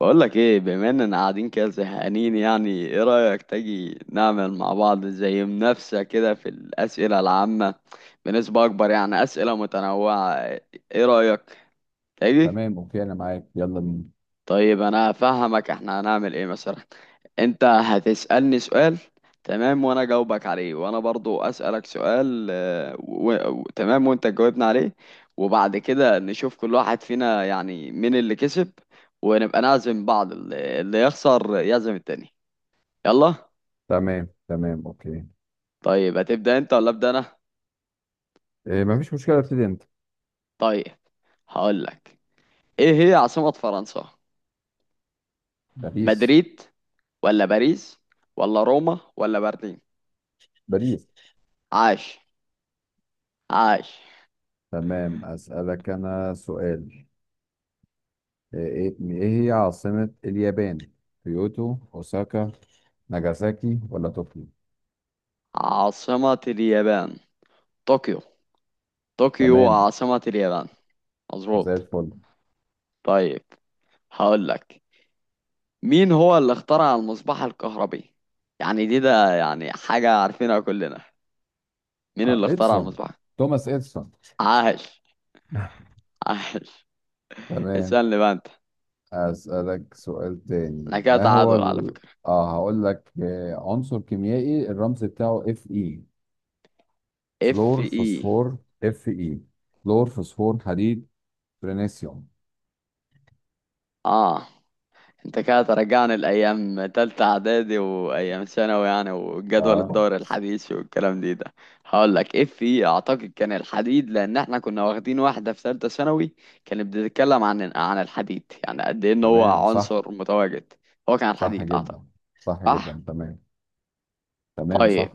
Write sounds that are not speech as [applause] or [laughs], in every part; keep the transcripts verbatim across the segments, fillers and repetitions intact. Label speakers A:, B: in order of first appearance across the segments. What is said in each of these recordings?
A: بقول لك ايه، بما اننا قاعدين كده زهقانين. يعني ايه رأيك تيجي نعمل مع بعض زي منافسة كده في الأسئلة العامة بنسبة أكبر، يعني أسئلة متنوعة؟ ايه رأيك؟ تيجي؟
B: تمام اوكي انا معاك يلا بينا.
A: طيب انا هفهمك احنا هنعمل ايه مثلا. انت هتسألني سؤال، تمام، وانا جاوبك عليه، وانا برضو اسألك سؤال آه، و... و... تمام، وانت تجاوبنا عليه. وبعد كده نشوف كل واحد فينا يعني مين اللي كسب، ونبقى نعزم بعض، اللي اللي يخسر يعزم التاني. يلا.
B: تمام تمام اوكي.
A: طيب هتبدأ انت ولا ابدأ انا؟
B: إيه مفيش مشكله، ابتدي انت.
A: طيب هقولك، ايه هي عاصمة فرنسا؟
B: باريس.
A: مدريد ولا باريس ولا روما ولا برلين؟
B: باريس
A: عاش، عاش.
B: تمام، اسالك انا سؤال. ايه إيه- إيه هي عاصمه اليابان؟ كيوتو، اوساكا، ناجازاكي ولا طوكيو؟
A: عاصمة اليابان طوكيو. طوكيو
B: تمام،
A: عاصمة اليابان،
B: زي
A: مظبوط.
B: الفل.
A: طيب هقول لك، مين هو اللي اخترع المصباح الكهربي؟ يعني دي ده يعني حاجة عارفينها كلنا. مين
B: آه
A: اللي اخترع
B: اديسون،
A: المصباح؟
B: توماس اديسون.
A: عاش،
B: [laughs]
A: عاش.
B: تمام،
A: اسألني بقى انت،
B: اسالك سؤال
A: انا
B: تاني.
A: كده
B: ما هو
A: تعادل على
B: ال...
A: فكرة.
B: اه هقول لك، آه، عنصر كيميائي الرمز بتاعه اف اي.
A: اف
B: فلور،
A: اي،
B: فوسفور؟ اف اي. فلور، فوسفور، حديد، برينيسيوم.
A: اه. انت كده ترجعني لايام تالتة اعدادي وايام ثانوي يعني، وجدول
B: اه،
A: الدوري الحديث والكلام دي ده. هقول لك اف في، اعتقد كان الحديد، لان احنا كنا واخدين واحدة في تالتة ثانوي كانت بتتكلم عن عن الحديد، يعني قد ايه ان هو
B: تمام صح.
A: عنصر متواجد. هو كان
B: صح
A: الحديد اعتقد.
B: جدا، صح
A: صح.
B: جدا تمام. تمام صح.
A: طيب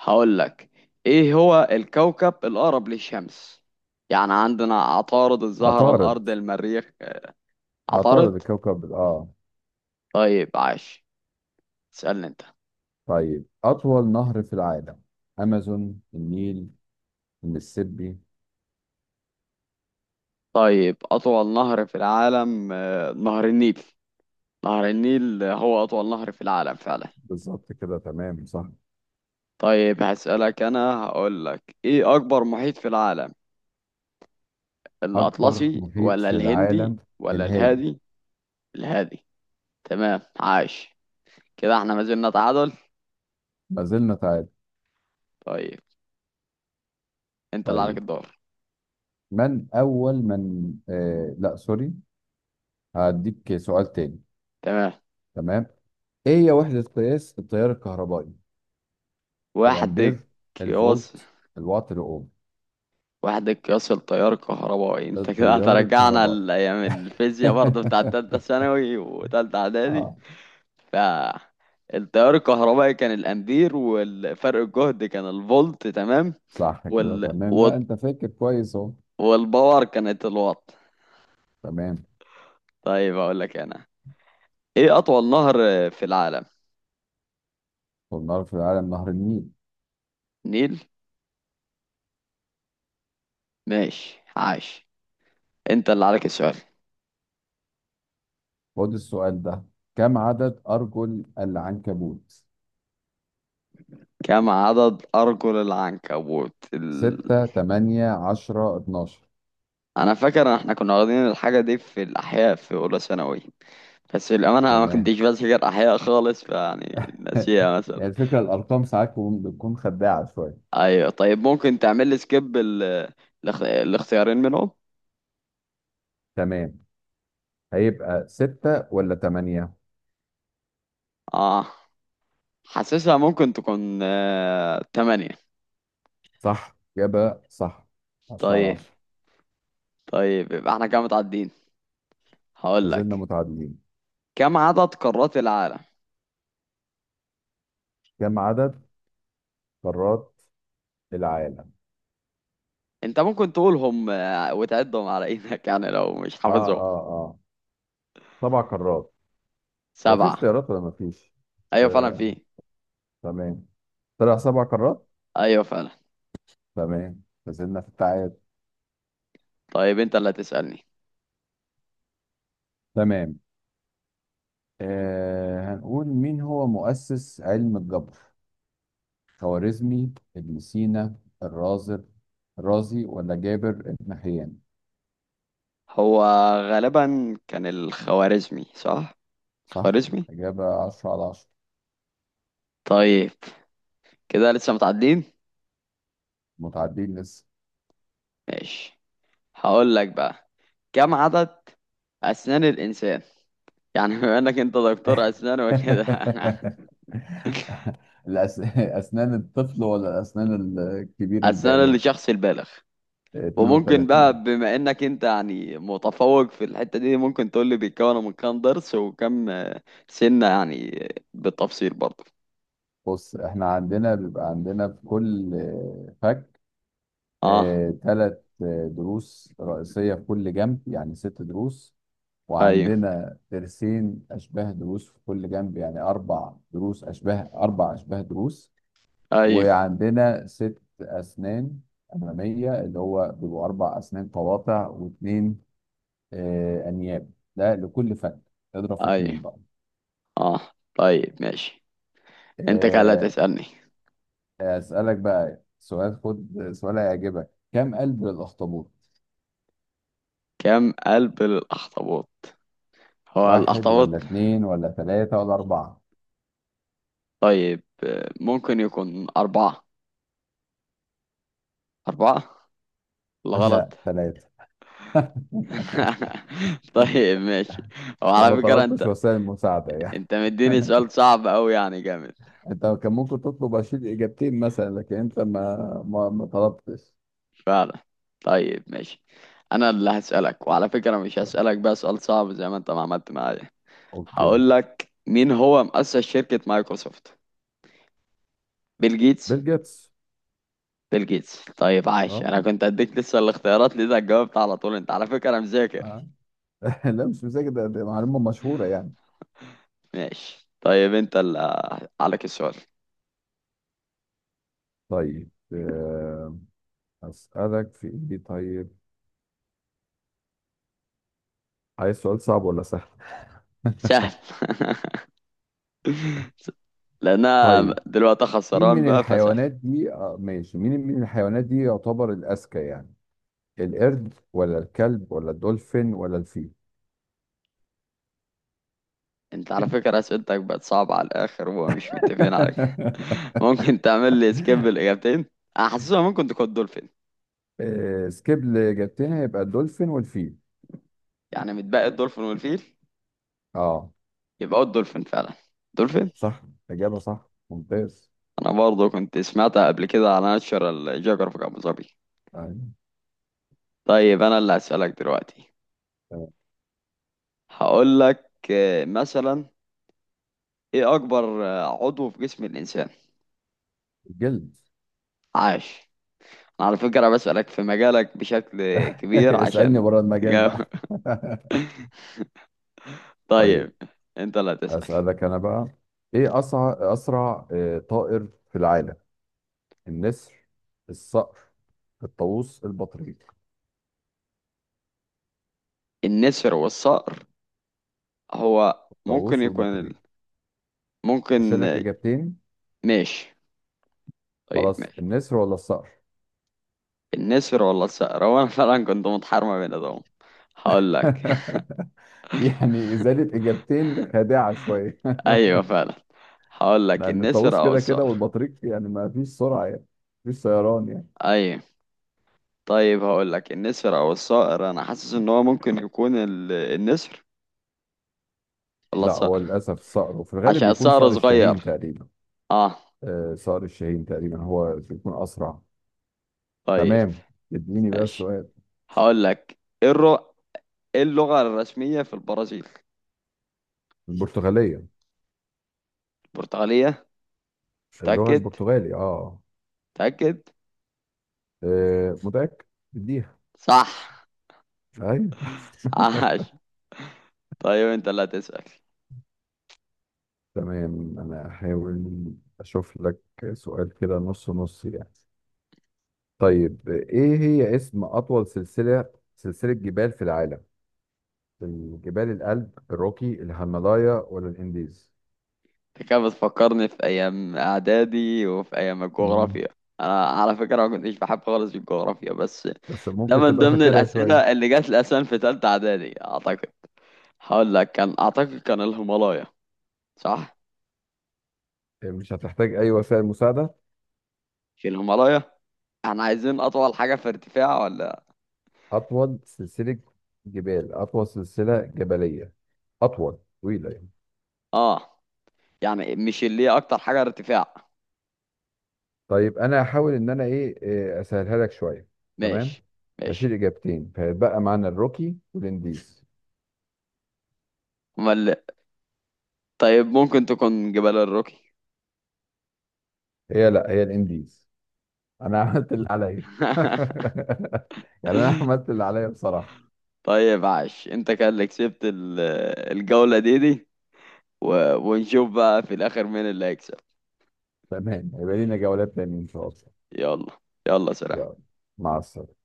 A: هقول لك، ايه هو الكوكب الاقرب للشمس؟ يعني عندنا عطارد، الزهرة،
B: عطارد.
A: الارض، المريخ.
B: عطارد
A: عطارد.
B: الكوكب، اه.
A: طيب عاش. اسألني انت.
B: طيب، اطول نهر في العالم. امازون، النيل، المسيسيبي.
A: طيب أطول نهر في العالم آه، نهر النيل. نهر النيل هو أطول نهر في العالم فعلا.
B: بالظبط كده، تمام صح.
A: طيب هسألك أنا، هقول لك إيه أكبر محيط في العالم؟
B: اكبر
A: الأطلسي
B: محيط
A: ولا
B: في
A: الهندي
B: العالم،
A: ولا
B: الهادي.
A: الهادي؟ الهادي. تمام عاش. كده احنا ما زلنا تعادل.
B: ما زلنا تعادل.
A: طيب انت اللي عليك
B: طيب،
A: الدور.
B: من اول من آه لا سوري، هديك سؤال تاني.
A: تمام.
B: تمام. ايه هي وحدة قياس التيار الكهربائي؟
A: وحدك
B: الامبير،
A: قياس،
B: الفولت، الوات، الاوم.
A: وحدك قياس التيار الكهربائي، انت كده
B: التيار
A: هترجعنا
B: الكهربائي.
A: لأيام الفيزياء برضه بتاعت تالتة
B: [laughs]
A: ثانوي وتالتة إعدادي.
B: اه،
A: فالتيار الكهربائي كان الامبير، والفرق الجهد كان الفولت تمام.
B: صح كده
A: وال...
B: تمام، لا
A: وال...
B: انت فاكر كويس اهو.
A: والباور كانت الوات.
B: تمام.
A: طيب اقول لك انا، ايه اطول نهر في العالم؟
B: والنار في العالم نهر النيل.
A: نيل. ماشي عاش. انت اللي عليك السؤال.
B: خد السؤال ده، كم عدد ارجل العنكبوت؟
A: كم عدد ارجل العنكبوت ال...
B: ستة، تمانية، عشرة، اتناشر.
A: انا فاكر ان احنا كنا واخدين الحاجه دي في الاحياء في اولى ثانوي، بس للامانه أنا ما
B: تمام.
A: كنتش بذاكر احياء خالص، فيعني
B: [laughs]
A: ناسيها مثلا.
B: يعني الفكرة الارقام ساعات بتكون بتكون خداعة شوية.
A: ايوه طيب ممكن تعمل لي سكيب ال... الاخ- الاختيارين منهم؟
B: تمام، هيبقى ستة ولا تمانية؟
A: اه. حاسسها ممكن تكون آه... تمانية.
B: صح، إجابة صح. عشرة على
A: طيب.
B: عشرة.
A: طيب يبقى احنا كده متعدين.
B: ما
A: هقول
B: زلنا
A: لك،
B: متعادلين.
A: كم عدد قارات العالم؟
B: كم عدد قارات العالم؟
A: انت ممكن تقولهم آه، وتعدهم على ايدك [laughs] يعني لو مش
B: اه
A: حافظهم.
B: اه اه سبع قارات. هو في
A: سبعة.
B: اختيارات ولا ما فيش؟
A: ايوه فعلا
B: آه،
A: في.
B: تمام. طلع سبع قارات؟
A: ايوه فعلا.
B: تمام، ما زلنا في التعادل.
A: طيب انت اللي هتسألني.
B: تمام، آه هنقول مين هو مؤسس علم الجبر؟ خوارزمي، ابن سينا، الرازر، الرازي ولا جابر بن حيان؟
A: هو غالبا كان الخوارزمي، صح؟
B: صح؟
A: الخوارزمي.
B: إجابة عشرة على عشرة.
A: طيب كده لسه متعدين.
B: متعادلين لسه.
A: ماشي. هقول لك بقى، كم عدد أسنان الإنسان؟ يعني بما إنك أنت دكتور
B: [laughs]
A: أسنان وكده [laughs] أنا.
B: الأس... أسنان الطفل ولا أسنان الكبير
A: أسنان
B: البالغ؟
A: الشخص البالغ. وممكن
B: اثنين وثلاثين.
A: بقى بما إنك أنت يعني متفوق في الحتة دي، ممكن تقول لي بيتكون من كام ضرس وكم آه، سنة، يعني آه، بالتفصيل برضه.
B: بص احنا عندنا بيبقى عندنا في كل آه، فك،
A: أه.
B: ثلاث ضروس رئيسية في كل جنب يعني ست ضروس.
A: أيوه،
B: وعندنا ضرسين أشباه ضروس في كل جنب يعني أربع ضروس أشباه أربع أشباه ضروس.
A: أيوه،
B: وعندنا ست أسنان أمامية اللي هو بيبقوا أربع أسنان قواطع، واثنين آه، انياب. ده لكل فن، اضرب في
A: أيوه.
B: اتنين بقى.
A: أه. طيب ماشي. أنت كده اللي
B: آه،
A: هتسألني.
B: اسالك بقى سؤال، خد سؤال هيعجبك. كم قلب للاخطبوط؟
A: كم قلب للأخطبوط؟ هو
B: واحد ولا
A: الأخطبوط.
B: اتنين ولا تلاتة ولا أربعة؟
A: طيب آه، ممكن يكون أربعة. أربعة.
B: [laughs] لا،
A: الغلط.
B: تلاتة.
A: [laughs] طيب ماشي.
B: طب
A: وعلى
B: ما
A: فكرة انت،
B: طلبتش وسائل مساعدة يعني.
A: انت مديني سؤال صعب اوي يعني، جامد.
B: [laughs] انت كان ممكن تطلب اشيل اجابتين مثلا، لكن انت ما ما, ما طلبتش.
A: فعلا. طيب ماشي. انا اللي هسألك، وعلى فكرة مش
B: طب،
A: هسألك بقى سؤال صعب زي ما انت ما عملت معايا.
B: اوكي.
A: هقول لك، مين هو مؤسس شركة مايكروسوفت؟ بيل جيتس.
B: بيل جيتس.
A: بيل جيتس طيب عاش.
B: اه.
A: انا كنت اديك لسه الاختيارات ليه، ده جاوبت على طول. انت على فكرة مذاكر.
B: آه. [laughs] لا مش مذاكر، ده ده معلومة مشهورة يعني.
A: ماشي. طيب انت اللي عليك السؤال.
B: طيب، آه، أسألك في إيه طيب. عايز سؤال صعب ولا سهل؟
A: سهل [laughs] لان انا
B: طيب،
A: دلوقتي
B: مين
A: خسران
B: من
A: بقى، فسح.
B: الحيوانات دي آه ماشي مين من الحيوانات دي يعتبر الأذكى يعني؟ القرد ولا الكلب ولا الدولفين ولا الفيل؟
A: انت على فكرة اسئلتك بقت صعبة على الاخر، ومش متفقين على كده. [laughs]
B: [laughs]
A: ممكن تعمل لي سكيب الاجابتين؟ انا حاسسها ممكن تكون دولفين.
B: آه، سكيب، اللي جبتنا يبقى الدولفين والفيل.
A: يعني متبقي الدولفين والفيل.
B: اه،
A: يبقى هو الدولفين فعلا. دولفين.
B: صح، إجابة صح ممتاز.
A: انا برضه كنت سمعتها قبل كده على ناشونال جيوغرافيك ابو ظبي.
B: أيوة،
A: طيب انا اللي هسألك دلوقتي.
B: تمام.
A: هقول لك آه، مثلا، ايه اكبر آه، عضو في جسم الانسان؟
B: الجلد.
A: عاش. انا على فكرة بسألك في مجالك بشكل
B: [laughs]
A: كبير،
B: اسألني
A: عشان
B: بره المجال
A: تجاوب.
B: بقى.
A: [laughs]
B: [laughs]
A: طيب.
B: طيب
A: انت لا تسأل.
B: أسألك أنا بقى. إيه أسرع أسرع آه، طائر في العالم؟ النسر، الصقر، الطاووس، البطريق؟
A: النسر والصقر. هو ممكن
B: الطاووس
A: يكون ال...
B: والبطريق،
A: ممكن.
B: اشيل لك اجابتين.
A: ماشي. طيب
B: خلاص،
A: ماشي.
B: النسر ولا الصقر؟
A: النسر ولا الصقر، هو انا فعلا كنت متحرمة بين ده. هقول لك. [laughs]
B: [laughs] دي يعني ازاله اجابتين خادعه شويه.
A: ايوه فعلا. هقول
B: [laughs]
A: لك
B: لان
A: النسر
B: الطاووس
A: او
B: كده كده
A: الصقر.
B: والبطريق يعني ما فيش سرعه يعني، ما فيش طيران يعني.
A: ايوه. طيب هقول لك النسر او الصقر، انا حاسس ان هو ممكن يكون ال... النسر ولا
B: لا، هو
A: الصقر.
B: للاسف الصقر، وفي الغالب
A: عشان
B: بيكون
A: الصقر
B: صقر الشاهين
A: صغير.
B: تقريبا.
A: اه.
B: آه صقر الشاهين تقريبا هو بيكون اسرع.
A: طيب
B: تمام، اديني بقى
A: ماشي.
B: السؤال.
A: هقول لك ايه الر- إيه اللغة الرسمية في البرازيل؟
B: البرتغاليه.
A: البرتغالية.
B: اللغه
A: تأكد.
B: البرتغالي اه,
A: تأكد.
B: آه متاكد، اديها.
A: صح.
B: ايوه.
A: عاش. طيب انت اللي هتسأل.
B: [laughs] تمام، انا هحاول اشوف لك سؤال كده نص نص يعني. طيب ايه هي اسم اطول سلسلة سلسلة جبال في العالم؟ الجبال الألب، الروكي، الهيمالايا ولا الانديز؟
A: انت كده بتفكرني في ايام اعدادي وفي ايام
B: مم.
A: الجغرافيا. انا على فكرة ما كنتش بحب خالص الجغرافيا، بس
B: بس
A: ده
B: ممكن
A: من
B: تبقى
A: ضمن
B: فاكرها شوية.
A: الاسئلة اللي جات لي اصلا في تالتة اعدادي اعتقد. هقول لك كان اعتقد كان الهيمالايا. صح.
B: مش هتحتاج اي وسائل مساعدة.
A: في الهيمالايا. احنا عايزين اطول حاجة في ارتفاع ولا؟
B: اطول سلسلة جبال اطول سلسلة جبلية، اطول، طويلة يعني.
A: اه. يعني مش اللي هي اكتر حاجة ارتفاع.
B: طيب، انا هحاول ان انا ايه إيه، اسهلها لك شويه. تمام،
A: ماشي.
B: هشيل
A: ماشي.
B: اجابتين فيبقى معانا الروكي والانديز.
A: امال. طيب ممكن تكون جبال الروكي.
B: هي لا هي الانديز، انا [laughs] عملت اللي عليا. [laughs]
A: [laughs]
B: يعني انا عملت اللي عليا بصراحه.
A: طيب عاش. انت كان اللي كسبت ال- الجولة دي دي. و... ونشوف بقى في الاخر مين اللي هيكسب.
B: تمام، هيبقى لينا جولات تانية ان شاء الله.
A: يلا. يلا سلام.
B: يلا، مع السلامه.